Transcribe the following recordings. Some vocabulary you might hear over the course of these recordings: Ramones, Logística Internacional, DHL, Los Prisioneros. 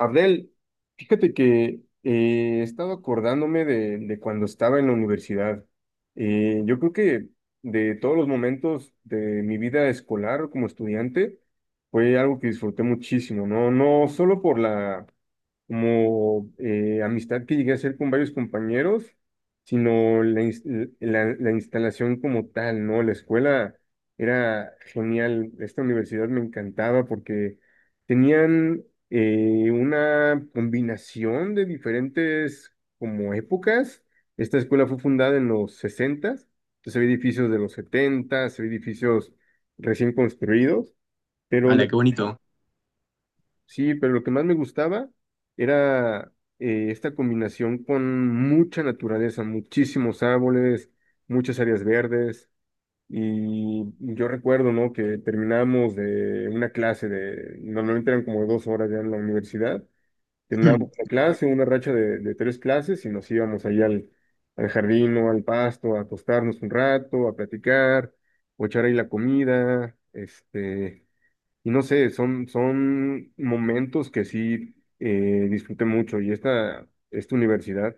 Abdel, fíjate que he estado acordándome de cuando estaba en la universidad. Yo creo que de todos los momentos de mi vida escolar como estudiante fue algo que disfruté muchísimo, ¿no? No solo por como amistad que llegué a hacer con varios compañeros, sino la instalación como tal, ¿no? La escuela era genial, esta universidad me encantaba porque tenían una combinación de diferentes como épocas. Esta escuela fue fundada en los sesentas, entonces había edificios de los setentas, había edificios recién construidos. Pero Hala, lo qué bonito. sí, pero lo que más me gustaba era esta combinación con mucha naturaleza, muchísimos árboles, muchas áreas verdes. Y yo recuerdo, ¿no? Que terminamos de una clase de, normalmente eran como dos horas ya en la universidad, terminábamos una Ya, clase, una racha de tres clases y nos íbamos ahí al, al jardín o al pasto a acostarnos un rato, a platicar, o echar ahí la comida, este y no sé, son momentos que sí disfruté mucho. Y esta universidad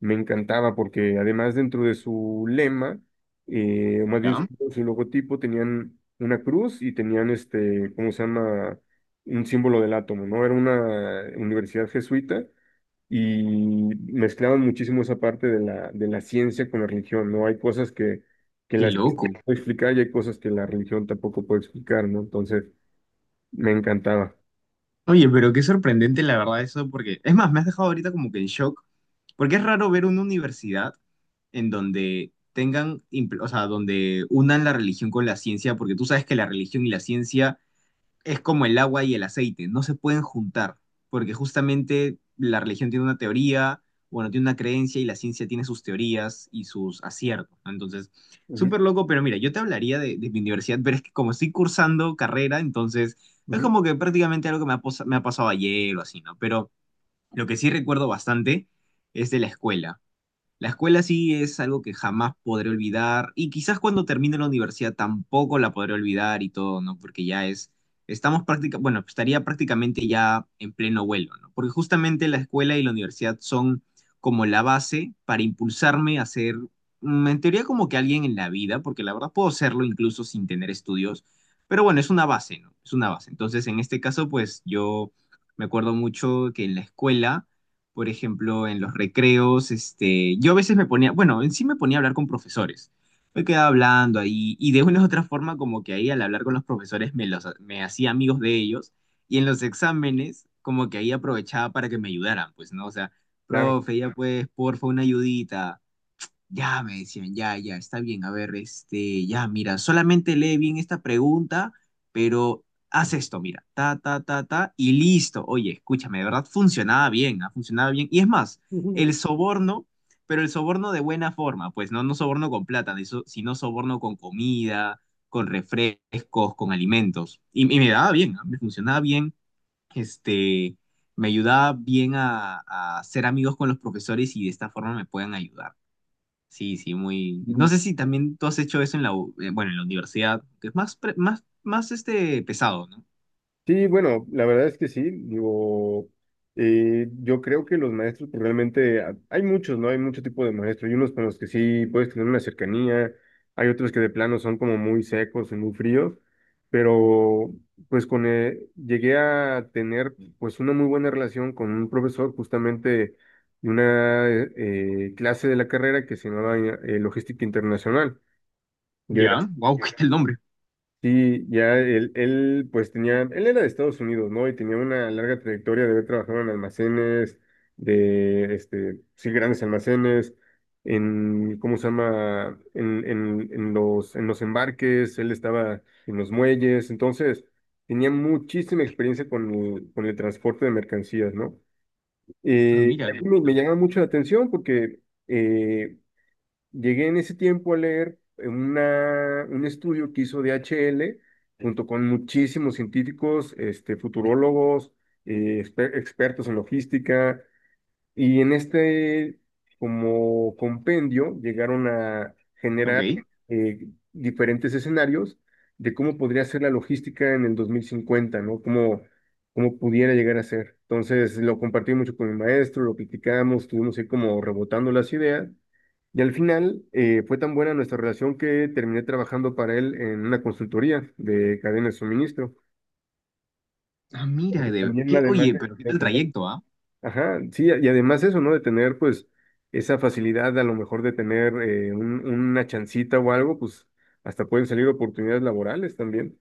me encantaba porque además dentro de su lema, o más bien su, ya. su logotipo, tenían una cruz y tenían este, ¿cómo se llama? Un símbolo del átomo, ¿no? Era una universidad jesuita y mezclaban muchísimo esa parte de de la ciencia con la religión, ¿no? Hay cosas que Qué la ciencia loco. no puede explicar y hay cosas que la religión tampoco puede explicar, ¿no? Entonces, me encantaba. Oye, pero qué sorprendente la verdad eso, porque es más, me has dejado ahorita como que en shock, porque es raro ver una universidad en donde tengan, o sea, donde unan la religión con la ciencia, porque tú sabes que la religión y la ciencia es como el agua y el aceite, no se pueden juntar, porque justamente la religión tiene una teoría, bueno, tiene una creencia, y la ciencia tiene sus teorías y sus aciertos, ¿no? Entonces, Ujú, súper loco, pero mira, yo te hablaría de mi universidad, pero es que como estoy cursando carrera, entonces es ujú, como que prácticamente algo que me ha, me ha pasado ayer o así, ¿no? Pero lo que sí recuerdo bastante es de la escuela. La escuela sí es algo que jamás podré olvidar, y quizás cuando termine la universidad tampoco la podré olvidar y todo, ¿no? Porque ya es, bueno, estaría prácticamente ya en pleno vuelo, ¿no? Porque justamente la escuela y la universidad son como la base para impulsarme a ser, en teoría, como que alguien en la vida, porque la verdad puedo serlo incluso sin tener estudios, pero bueno, es una base, ¿no? Es una base. Entonces, en este caso, pues yo me acuerdo mucho que en la escuela, por ejemplo, en los recreos, este, yo a veces me ponía, bueno, en sí me ponía a hablar con profesores. Me quedaba hablando ahí, y de una u otra forma, como que ahí al hablar con los profesores me hacía amigos de ellos, y en los exámenes como que ahí aprovechaba para que me ayudaran, pues, ¿no? O sea, claro. profe, ya pues, porfa, una ayudita. Ya me decían, ya, ya, está bien. A ver, este, ya, mira, solamente lee bien esta pregunta, pero haz esto, mira, ta, ta, ta, ta, y listo. Oye, escúchame, de verdad funcionaba bien, ha funcionado bien. Y es más, el soborno, pero el soborno de buena forma, pues no, no soborno con plata, sino soborno con comida, con refrescos, con alimentos. Y me daba bien, ah, me funcionaba bien, este, me ayudaba bien a ser amigos con los profesores, y de esta forma me pueden ayudar. Sí, sí, muy. No Mm, sé si también tú has hecho eso en la, bueno, en la universidad, que es más, más, más este pesado, ¿no? sí, bueno, la verdad es que sí. Digo, yo creo que los maestros pues, realmente, hay muchos, ¿no? Hay mucho tipo de maestros. Hay unos con los que sí puedes tener una cercanía, hay otros que de plano son como muy secos y muy fríos, pero pues con, llegué a tener pues una muy buena relación con un profesor justamente de una clase de la carrera que se llamaba Logística Internacional. Ya, wow, ¿qué tal el nombre? Sí, ya él, pues tenía, él era de Estados Unidos, ¿no? Y tenía una larga trayectoria de haber trabajado en almacenes, de, este, sí, grandes almacenes, en, ¿cómo se llama? En los embarques, él estaba en los muelles, entonces tenía muchísima experiencia con con el transporte de mercancías, ¿no? Ah, Y mira, a qué mí me bonito. llama mucho la atención porque, eh, llegué en ese tiempo a leer un estudio que hizo DHL junto con muchísimos científicos, este, futurólogos, expertos en logística, y en este como compendio llegaron a Ok. generar eh, diferentes escenarios de cómo podría ser la logística en el 2050, ¿no? Cómo, cómo pudiera llegar a ser. Entonces lo compartí mucho con mi maestro, lo platicamos, estuvimos ahí como rebotando las ideas. Y al final fue tan buena nuestra relación que terminé trabajando para él en una consultoría de cadena de suministro. Ah, mira, de... También ¿qué? además Oye, pero qué de tal tener, trayecto, ¿ah? ajá, sí, y además eso, ¿no? De tener pues esa facilidad a lo mejor de tener una chancita o algo, pues hasta pueden salir oportunidades laborales también.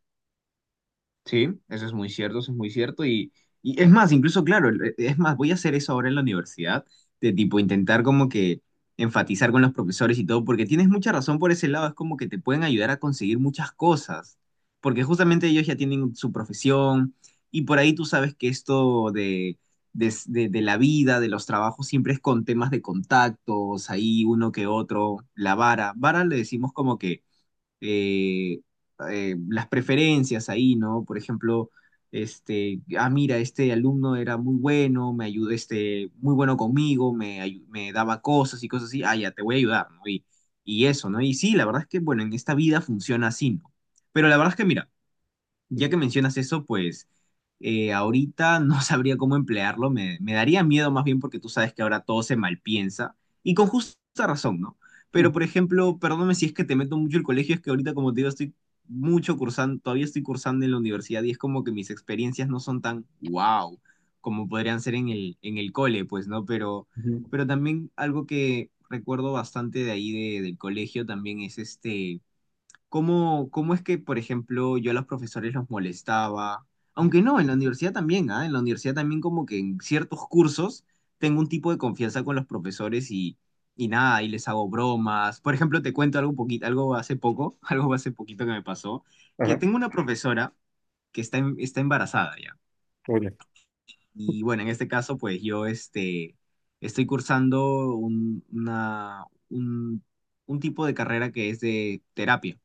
Sí, eso es muy cierto, eso es muy cierto. Y es más, incluso, claro, es más, voy a hacer eso ahora en la universidad, de tipo intentar como que enfatizar con los profesores y todo, porque tienes mucha razón por ese lado, es como que te pueden ayudar a conseguir muchas cosas, porque justamente ellos ya tienen su profesión, y por ahí tú sabes que esto de la vida, de los trabajos, siempre es con temas de contactos, ahí uno que otro, la vara. Vara le decimos como que eh, las preferencias ahí, ¿no? Por ejemplo, este, ah, mira, este alumno era muy bueno, me ayudó, este, muy bueno conmigo, me daba cosas y cosas así, ah, ya, te voy a ayudar, ¿no? Y eso, ¿no? Y sí, la verdad es que, bueno, en esta vida funciona así, ¿no? Pero la verdad es que, mira, ya que mencionas eso, pues ahorita no sabría cómo emplearlo, me daría miedo más bien, porque tú sabes que ahora todo se malpiensa, y con justa razón, ¿no? Pero por ejemplo, perdóname si es que te meto mucho el colegio, es que ahorita como te digo estoy mucho cursando, todavía estoy cursando en la universidad, y es como que mis experiencias no son tan wow como podrían ser en el cole, pues, ¿no? Ujú. Pero también algo que recuerdo bastante de ahí, del colegio también, es este, ¿cómo, cómo es que, por ejemplo, yo a los profesores los molestaba? Aunque no, en la universidad también, ¿ah? En la universidad también como que en ciertos cursos tengo un tipo de confianza con los profesores y nada, y les hago bromas. Por ejemplo, te cuento algo poquito, algo hace poco, algo hace poquito que me pasó, que Ajá, tengo una profesora que está embarazada ya. oye. Y bueno, en este caso, pues yo este, estoy cursando un tipo de carrera que es de terapia.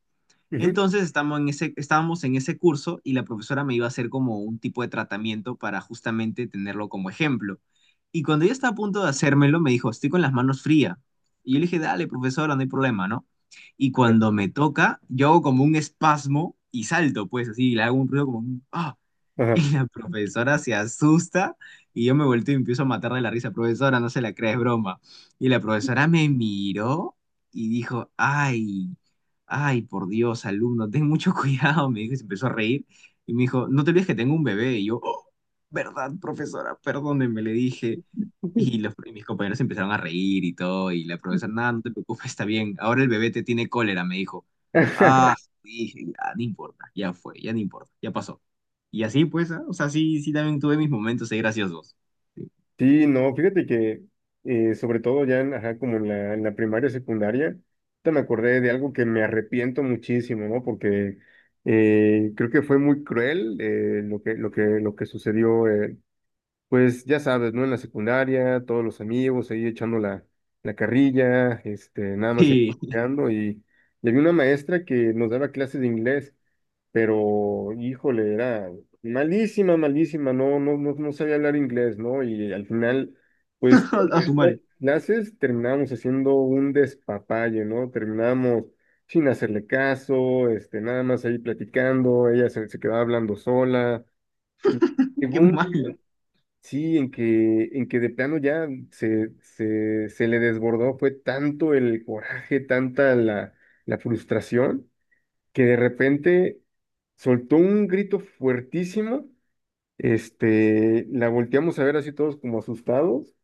Ujú. Entonces estamos en ese, estábamos en ese curso, y la profesora me iba a hacer como un tipo de tratamiento para justamente tenerlo como ejemplo. Y cuando ella estaba a punto de hacérmelo, me dijo, estoy con las manos frías. Y yo le dije, dale, profesora, no hay problema, ¿no? Y cuando me toca, yo hago como un espasmo y salto, pues así, le hago un ruido como un, ah, Ajá. y la profesora se asusta, y yo me vuelto y empiezo a matar de la risa. Profesora, no se la crees, broma. Y la profesora me miró y dijo, ay, ay, por Dios, alumno, ten mucho cuidado. Me dijo y se empezó a reír. Y me dijo, no te olvides que tengo un bebé. Y yo, "Oh, ¿verdad, profesora? Perdóneme", le dije. Y los, y mis compañeros empezaron a reír y todo, y la profesora, nada, no te preocupes, está bien, ahora el bebé te tiene cólera, me dijo. Ah, dije, ya, no importa, ya fue, ya no importa, ya pasó. Y así, pues, ah, o sea, sí, sí, también tuve mis momentos ahí graciosos. Sí, no, fíjate que sobre todo ya en, ajá, como en en la primaria, secundaria, ahorita me acordé de algo que me arrepiento muchísimo, ¿no? Porque creo que fue muy cruel lo lo que sucedió, pues ya sabes, ¿no? En la secundaria, todos los amigos ahí echando la carrilla, este, nada más ahí Sí, cotorreando, y había una maestra que nos daba clases de inglés, pero híjole, era malísima, malísima, no, no, no, no sabía hablar inglés, ¿no? Y al final, pues, a su madre, clases terminábamos haciendo un despapalle, ¿no? Terminábamos sin hacerle caso, este, nada más ahí platicando, se quedaba hablando sola, y llegó qué un día, malo. sí, en que de plano ya se le desbordó, fue tanto el coraje, tanta la frustración que de repente soltó un grito fuertísimo, este, la volteamos a ver así todos como asustados.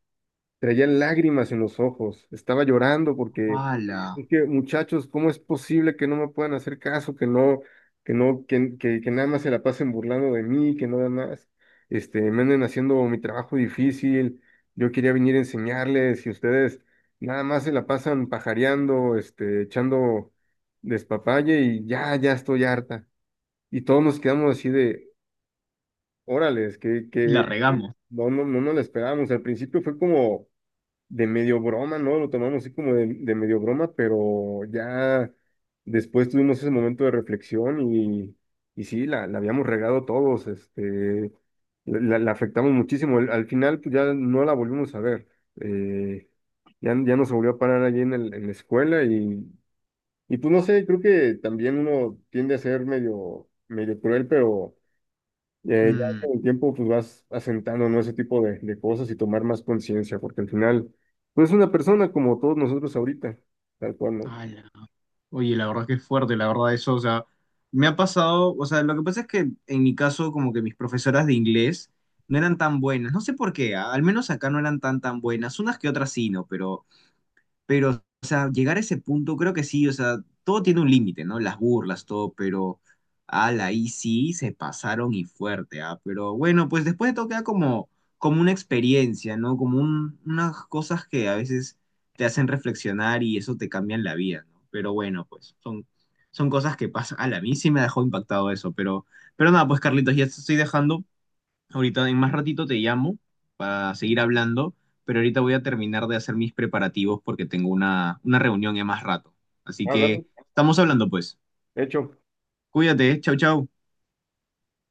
Traía lágrimas en los ojos, estaba llorando porque Ala, es que, muchachos, ¿cómo es posible que no me puedan hacer caso, que no, que no, que nada más se la pasen burlando de mí, que nada más, este, me anden haciendo mi trabajo difícil, yo quería venir a enseñarles y ustedes nada más se la pasan pajareando, este, echando despapalle y ya, ya estoy harta. Y todos nos quedamos así de, órales, que, la que regamos. no, no, no nos la esperábamos. Al principio fue como de medio broma, ¿no? Lo tomamos así como de medio broma, pero ya después tuvimos ese momento de reflexión y sí, la habíamos regado todos, este, la afectamos muchísimo. Al final, pues ya no la volvimos a ver. eh, ya nos volvió a parar allí en en la escuela y pues no sé, creo que también uno tiende a ser medio, medio cruel, pero ya Mm. con el tiempo pues vas asentando, ¿no? Ese tipo de cosas y tomar más conciencia, porque al final, pues es una persona como todos nosotros ahorita, tal cual, ¿no? Ala. Oye, la verdad que es fuerte, la verdad eso, o sea, me ha pasado, o sea, lo que pasa es que en mi caso como que mis profesoras de inglés no eran tan buenas, no sé por qué, ah, al menos acá no eran tan tan buenas, unas que otras sí, no, pero, o sea, llegar a ese punto, creo que sí, o sea, todo tiene un límite, ¿no? Las burlas, todo, pero, ala, ahí sí se pasaron, y fuerte, ¿ah? Pero bueno, pues después de todo queda como, como una experiencia, ¿no? Como unas cosas que a veces te hacen reflexionar, y eso te cambia la vida, ¿no? Pero bueno, pues son, son cosas que pasan. Ala, a mí sí me dejó impactado eso, pero nada, pues Carlitos, ya te estoy dejando. Ahorita en más ratito te llamo para seguir hablando, pero ahorita voy a terminar de hacer mis preparativos porque tengo una reunión en más rato. Así Ah, dale, que estamos hablando pues. hecho. Cuídate, chau, chau.